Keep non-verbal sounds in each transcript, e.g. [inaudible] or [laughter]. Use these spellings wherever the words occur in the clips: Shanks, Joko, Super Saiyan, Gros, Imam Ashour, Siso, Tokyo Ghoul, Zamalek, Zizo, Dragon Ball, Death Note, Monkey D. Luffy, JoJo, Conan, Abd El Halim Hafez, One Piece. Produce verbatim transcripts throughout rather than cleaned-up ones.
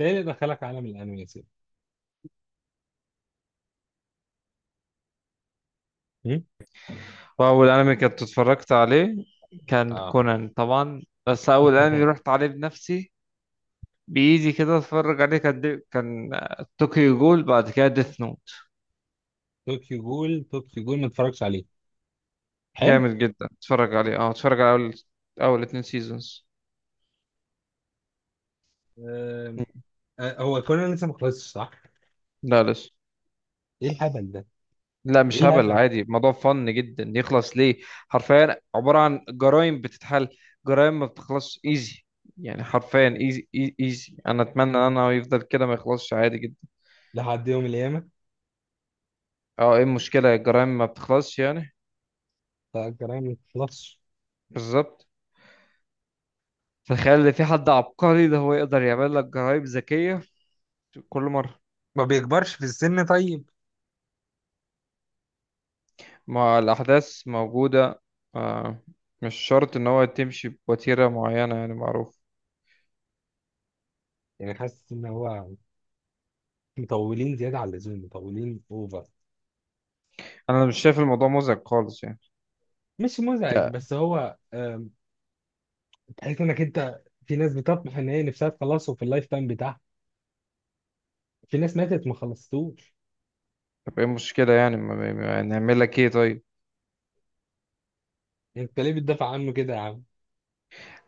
ايه اللي دخلك عالم الانمي يا سيدي؟ هم؟ وأول أنمي كنت اتفرجت عليه كان اه. كونان طبعا. بس أول أنمي [laughs] رحت عليه بنفسي بإيدي كده اتفرج عليه كان دي... كان طوكيو جول، بعد كده ديث نوت. طوكيو جول، طوكيو جول ما اتفرجش عليه. حلو. جامد جدا، اتفرج عليه. اه اتفرج على أول أول اتنين سيزونز. آه. آه، هو كونان لسه ما خلصش، صح؟ لا لسه. ايه الهبل ده؟ لا ايه مش هبل، الهبل؟ عادي، الموضوع فن جدا، يخلص ليه؟ حرفيا عبارة عن جرائم بتتحل، جرائم ما بتخلصش ايزي، يعني حرفيا ايزي. ايزي، انا اتمنى ان انا يفضل كده ما يخلصش، عادي جدا. لحد يوم القيامه. اه، ايه المشكلة؟ الجرائم ما بتخلصش يعني. لا، الجرايم ما بتخلصش. بالظبط. تخيل ان في حد عبقري ده، هو يقدر يعمل لك جرايب ذكية كل مرة. ما بيكبرش في السن طيب؟ ما الأحداث موجودة. آه. مش شرط إن هو تمشي بوتيرة معينة يعني، معروف. يعني حاسس ان هو مطولين زياده على اللزوم، مطولين اوفر. أنا مش شايف الموضوع مزعج خالص يعني. مش مزعج لا. بس هو آم، تحس انك انت في ناس بتطمح ان هي نفسها تخلصه في اللايف تايم بتاعها. في ناس ماتت ما خلصتوش. طب إيه المشكلة يعني، ما ما- ما- نعمل لك إيه طيب؟ انت ليه بتدافع عنه كده؟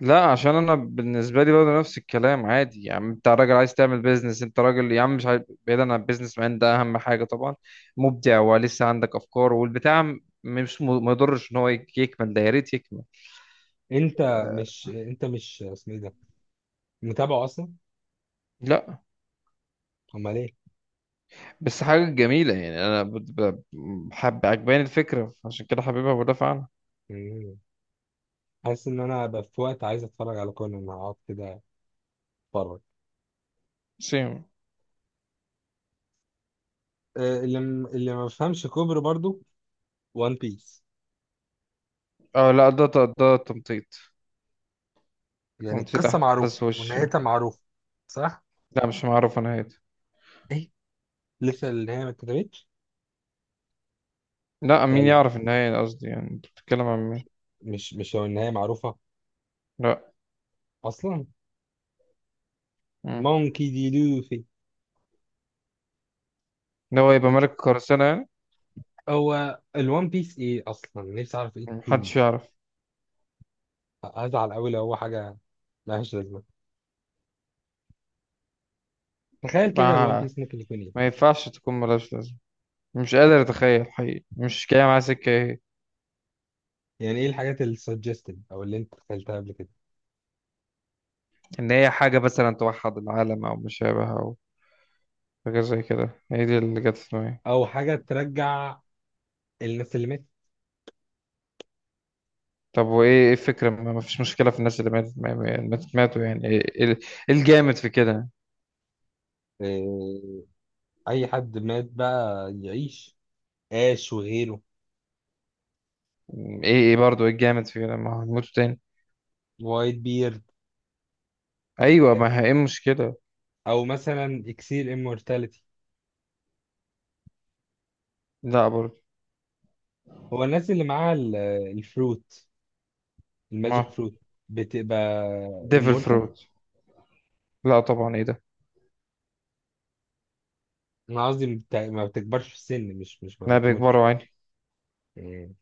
لا، عشان أنا بالنسبة لي برضه نفس الكلام. عادي يا عم، أنت راجل عايز تعمل بيزنس، أنت راجل يا عم، مش عارف. بعيدا عن البيزنس مان ده، أهم حاجة طبعا مبدع ولسه عندك أفكار والبتاع، م- مش م- ما يضرش إن هو يك- يكمل ده، يا ريت يكمل. انت مش انت مش اسمه ايه ده، متابعه اصلا؟ لا امال ايه؟ بس حاجة جميلة يعني. أنا بت- ب- حب عجباني الفكرة، عشان كده حبيبها بدافع عنها. مم. حاسس ان انا بقى في وقت عايز اتفرج على كونان، هقعد كده اتفرج. سيم. آه، اللي م- اللي ما بفهمش كوبري برضو، وان بيس. اه لا، ده ده ده تمطيط، يعني تمطيط القصه معروفه أحداث وش. ونهايتها معروفه، صح؟ لا مش معروفة نهايته. ايه، لسه النهايه ما اتكتبتش؟ لا ده مين ال- يعرف النهاية؟ قصدي يعني أنت بتتكلم عن مين؟ مش مش هو النهايه معروفه لا. اصلا؟ مم. مونكي دي، لوفي. إن هو يبقى ملك القراصنة يعني. هو الوان بيس ايه اصلا؟ نفسي اعرف ايه محدش التيمز. يعرف. هزعل قوي لو هو حاجه ملهاش لازمه. تخيل كده الوان ما, بيس ممكن يكون ايه. ما ينفعش تكون ملهاش لازمة. مش قادر أتخيل حقيقي، مش جاية معايا سكة إيه. يعني ايه الحاجات اللي suggested او اللي انت دخلتها قبل كده؟ إن هي حاجة مثلا توحد العالم أو مشابه، أو حاجة زي كده، هي دي اللي جت في دماغي. او حاجه ترجع الناس اللي ماتت. طب وايه ايه الفكرة؟ ما ما فيش مشكلة في الناس اللي ماتت. ما- ما- ماتت ماتوا يعني، ايه ايه إيه الجامد في كده؟ إيه، اي حد مات بقى يعيش؟ اش وغيره، ايه ايه برضه، ايه الجامد في كده؟ ما هنموتوا تاني. وايت بيرد. ايوه ما هي- ايه المشكلة؟ او مثلا اكسير immortality. لا برضه. هو الناس اللي معاها ال- الفروت، الماجيك ما، فروت، بتبقى ديفل immortal؟ فروت. لا طبعا، ايه ده؟ انا قصدي بت- ما بتكبرش في السن، مش مش ما لا بتموتش. بيكبروا عيني. إيه.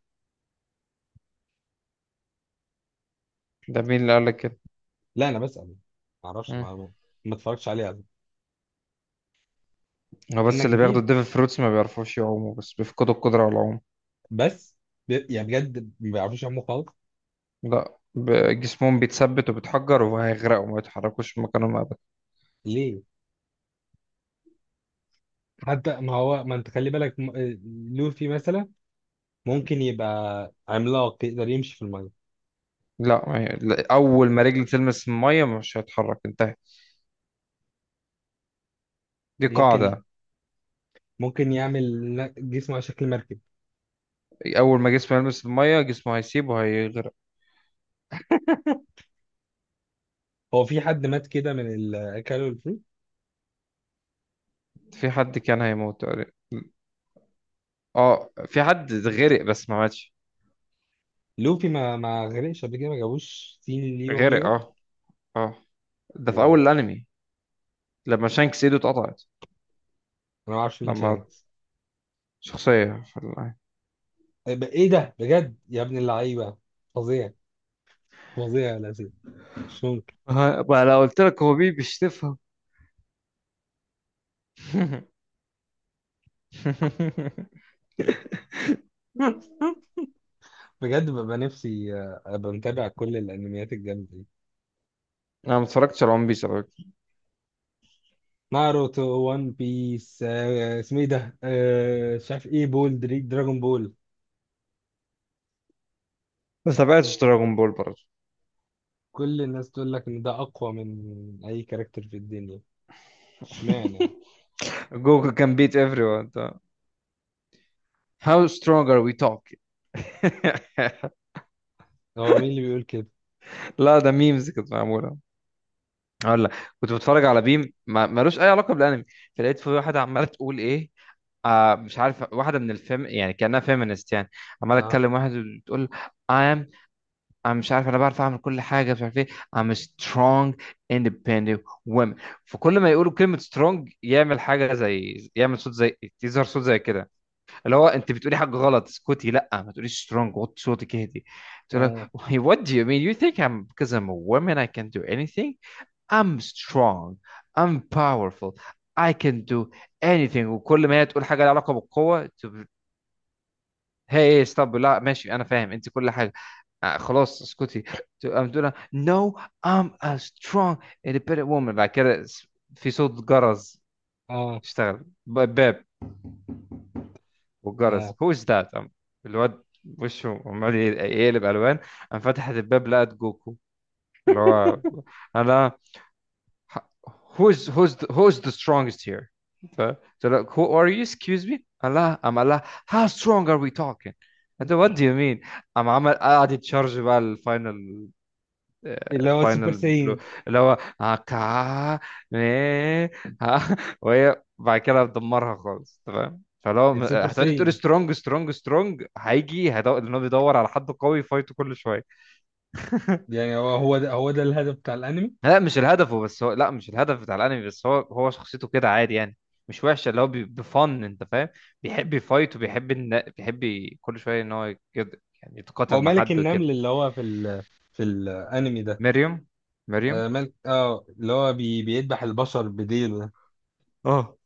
ده مين اللي قال لك كده؟ لا انا بسأل، ما اعرفش. مم. ما ما اتفرجتش عليه على هو فكرة. انا بس اللي بياخدوا جديد. الديفل فروتس ما بيعرفوش يعوموا، بس بيفقدوا القدرة على العوم. بس ب... يعني بجد ما بيعرفوش يعملوا خالص؟ لا، ب- جسمهم بيتثبت وبيتحجر وهيغرقوا، ما يتحركوش من مكانهم ابدا. ليه؟ حتى ما هو، ما انت خلي بالك م- آه، لوفي مثلا ممكن يبقى عملاق يقدر يمشي في الميه. لا، ما هي- لا، اول ما رجل تلمس الميه مش هيتحرك، انتهت، دي ممكن ي- قاعدة. ممكن يعمل ن- جسمه على شكل مركب. اول ما جسمه يلمس الميه جسمه هيسيب وهيغرق. هو في حد مات كده من ال- كانوا الفري؟ في حد كان هيموت تقريبا. اه في حد غرق بس ما ماتش. لوفي ما ما غرقش قبل كده؟ ما جابوش سين ليه وهو غرق بيغرق. اه. اه. ده في واو. اول الانمي لما شانكس ايده اتقطعت. انا ما اعرفش مين لما شانكس. شخصيه في الانمي. آه، ب- ايه ده بجد يا ابن اللعيبه؟ فظيع، فظيع يا لذيذ. مش ممكن. آه، بقى لو قلت لك هو بيبي مش تفهم. [laughs] [laughs] بجد ببقى نفسي آه، ابقى متابع كل الانميات الجامده دي. انا ما اتفرجتش على ون بيس على فكره. ناروتو، وان بيس، آه، اسمه ايه ده، آه، مش عارف ايه، بول دريك، دراجون بول. بس تابعتش دراجون بول برضه. كل الناس تقول لك ان ده اقوى من اي كاركتر في الدنيا، اشمعنى؟ [laughs] جوجو كان بيت ايفري ون. How strong are we talking؟ [laughs] هو مين اللي بيقول كده؟ لا، ده ميمز كانت معموله. اقول لك، كنت بتفرج على بيم ما- ملوش اي علاقه بالانمي. فلقيت في واحده عماله تقول ايه، آه مش عارف، واحده من الفيم يعني، كانها فيمينست يعني. عماله اه، تكلم واحد، بتقول I'm. أنا مش عارف، أنا بعرف أعمل كل حاجة، مش عارف إيه. I'm a strong independent woman. فكل ما يقولوا كلمة strong يعمل حاجة، زي يعمل صوت، زي يظهر صوت زي كده. اللي هو أنت بتقولي حاجة غلط، اسكتي، لا ما تقوليش strong، وطي صوتك اهدي. تقول لك اه، [laughs] what do you mean, you think I'm, because I'm a woman I can do anything. I'm strong, I'm powerful, I can do anything. وكل ما هي تقول حاجة لها علاقة بالقوة تب- هي hey, hey, stop. لا ماشي، أنا فاهم أنت كل حاجة، آه، خلاص اسكتي. ت- I'm doing no, I'm a strong independent woman. بعد كده س- في صوت جرس اه، اشتغل، ب- باب. والجرس. اه. who is that I'm- الواد وشه عمال يقلب ألوان، قام فتحت الباب لقت جوكو اللي هو انا. who's who's the, who's the strongest here؟ ف- So like, who are you? Excuse me, Allah. I'm Allah. How strong are we talking؟ انت, what do you mean؟ قام عمل قاعد يتشارج بقى الفاينل، آه، اللي هو السوبر الفاينل بلو، ساين. اللي هو آه، كا إيه، ها. وهي بعد كده بتدمرها خالص تمام. فلو م- السوبر هتقعدي تقولي ساين. سترونج سترونج سترونج، هيجي هيدور، لانه بيدور على حد قوي يفايته كل شويه. [laughs] يعني هو هو ده هو ده الهدف بتاع الانمي؟ لا مش الهدف. بس هو لا مش الهدف بتاع الانمي، بس هو هو شخصيته كده، عادي يعني، مش وحشه، اللي هو بي- بفن، انت فاهم. بيحب يفايت، وبيحب إن... بيحب ي- كل شويه ان هو كده، يعني هو يتقاتل مع ملك حد النمل وكده. اللي هو في ال في الانمي ده؟ مريم. مريم. آه، ملك. اه، اللي هو بي بيذبح البشر بديله. اه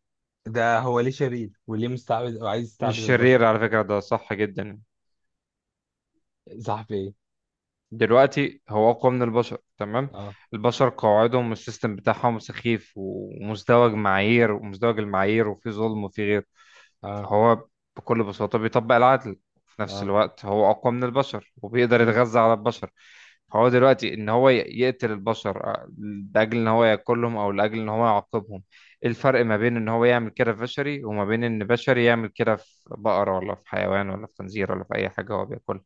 ده ده هو ليه شرير وليه مستعبد وعايز يستعبد مش البشر؟ شرير على فكره، ده صح جدا. صح، في ايه؟ دلوقتي هو أقوى من البشر تمام. آه. البشر قواعدهم والسيستم بتاعهم سخيف، ومزدوج معايير، ومزدوج المعايير، وفي ظلم، وفي غير. اه. فهو بكل بساطة بيطبق العدل. في نفس اه. الوقت هو أقوى من البشر وبيقدر مم. يتغذى على البشر. فهو دلوقتي إن هو ي- يقتل البشر آه، لأجل إن هو ياكلهم، أو لأجل إن هو يعاقبهم. إيه الفرق ما بين إن هو يعمل كده في بشري، وما بين إن بشري يعمل كده في بقرة، ولا في حيوان، ولا في خنزير، ولا في أي حاجة هو بياكلها.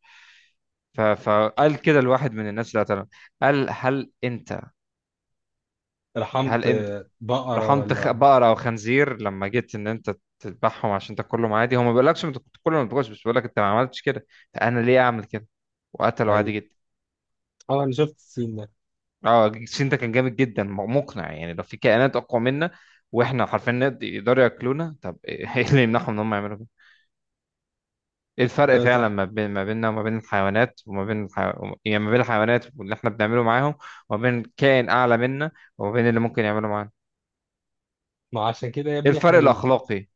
ف- فقال كده لواحد من الناس اللي قتلهم. قال هل انت، هل رحمت انت آه، بقرة رحمت خ- ولا. بقرة او خنزير لما جيت ان انت تذبحهم عشان تاكلهم؟ عادي. هو ما بيقولكش انت كنت تاكلهم ما تاكلش، بس بيقولك انت ما عملتش كده، فانا ليه اعمل كده؟ وقتله عادي ايوه، جدا. اه انا شفت السين ده. اه، السين ده كان جامد جدا، م- مقنع يعني. لو في كائنات اقوى منا، واحنا حرفيا نقد- يقدروا ياكلونا، طب ايه [laughs] إيه اللي يمنعهم ان هم يعملوا كده؟ ايه الفرق ايوه فعلا صح. ما بين ما بيننا وما بين الحيوانات، وما بين الح... يعني ما بين الحيوانات واللي احنا بنعمله معاهم، وما بين كائن اعلى منا وما بين اللي ممكن يعمله معانا. ما عشان كده يا ايه ابني احنا الفرق ال... الاخلاقي؟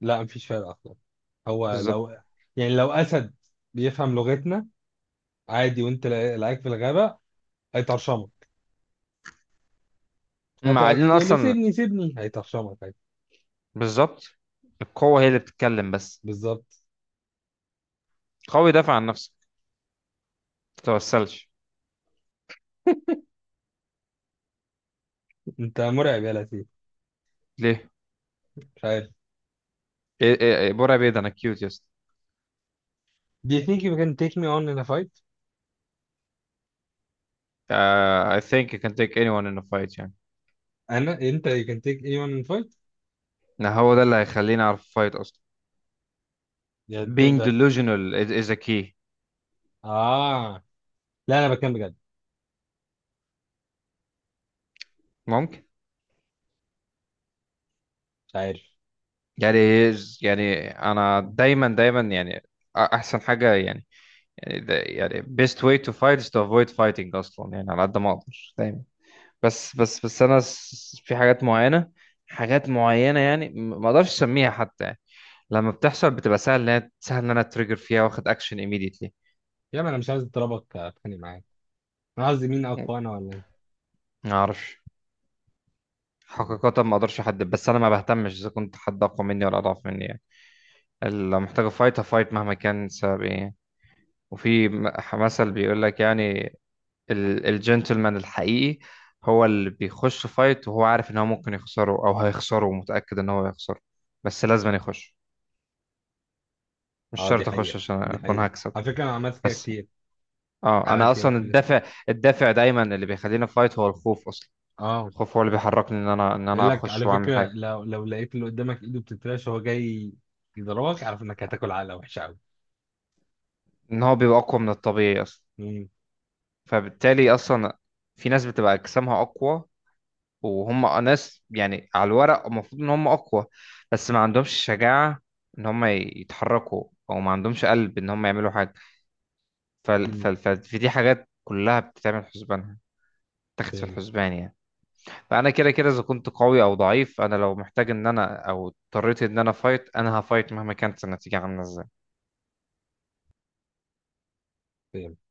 لا مفيش فرق اصلا. هو بالظبط. لو، يعني لو اسد بيفهم لغتنا عادي وانت لا- لقاك في الغابة، هيطرشمك. هت- مع ان هتقول له اصلا. سيبني سيبني، هيطرشمك عادي. بالظبط. القوة هي اللي بتتكلم بس. بالظبط. قوي، دافع عن نفسك، ما تتوسلش. انت مرعب يا لطيف. ليه؟ مش عارف. ايه ايه ايه برا بيض، انا كيوت، يس. Do you think you can take me on in a fight؟ uh, I think you can take anyone in a fight يعني. انا، انت you can take me on in a fight؟ لا هو ده اللي هيخليني اعرف fight اصلا. يعني Being تقدر ت- delusional is, is a key. اه. لا انا بتكلم بجد. ممكن. مش عارف. يعني، يعني انا دايما دايما يعني احسن حاجه يعني، يعني ده يعني best way to fight is to avoid fighting اصلا يعني على قد ما اقدر دايما. بس بس بس انا س- في حاجات معينه، حاجات معينه يعني م- ما اقدرش اسميها حتى يعني. لما بتحصل بتبقى سهل ان أنا- سهل ان انا اتريجر فيها، واخد اكشن immediately. يا ما، انا مش عايز اضربك، اتخانق معاك. انا قصدي مين اقوى، انا ولا انت؟ ما اعرفش مم. حقيقة، ما اقدرش احدد. بس انا ما بهتمش اذا كنت حد اقوى مني ولا اضعف مني يعني. اللي محتاج افايت افايت مهما كان السبب ايه يعني. وفي م- مثل بيقول لك يعني ال- الجنتلمان الحقيقي هو اللي بيخش فايت وهو عارف ان هو ممكن يخسره او هيخسره، ومتأكد ان هو هيخسره، بس لازم يخش. مش اه، دي شرط اخش حقيقة. عشان دي اكون حقيقة هكسب. على فكرة، انا عملت كده بس كتير. اه، انا عملت كده اصلا كتير. الدافع، الدافع دايما اللي بيخليني فايت هو الخوف اصلا. اه، الخوف هو اللي بيحركني ان انا ان انا يقول لك اخش على واعمل فكرة، حاجة. لو لو لقيت اللي قدامك ايده بتترعش وهو جاي يضربك، اعرف انك هتاكل علقة وحشة قوي. ان هو بيبقى اقوى من الطبيعي اصلا، امم. فبالتالي اصلا في ناس بتبقى اجسامها اقوى، وهم ناس يعني على الورق المفروض ان هم اقوى، بس ما عندهمش شجاعة ان هم يتحركوا، او ما عندهمش قلب ان هم يعملوا حاجة. فال- فال- فال- فدي حاجات كلها بتتعمل حسبانها، تاخد في فاهم. الحسبان يعني. فانا كده كده اذا كنت قوي او ضعيف، انا لو محتاج ان انا او اضطريت ان انا فايت انا هفايت مهما كانت النتيجة عاملة ازاي. فاهم.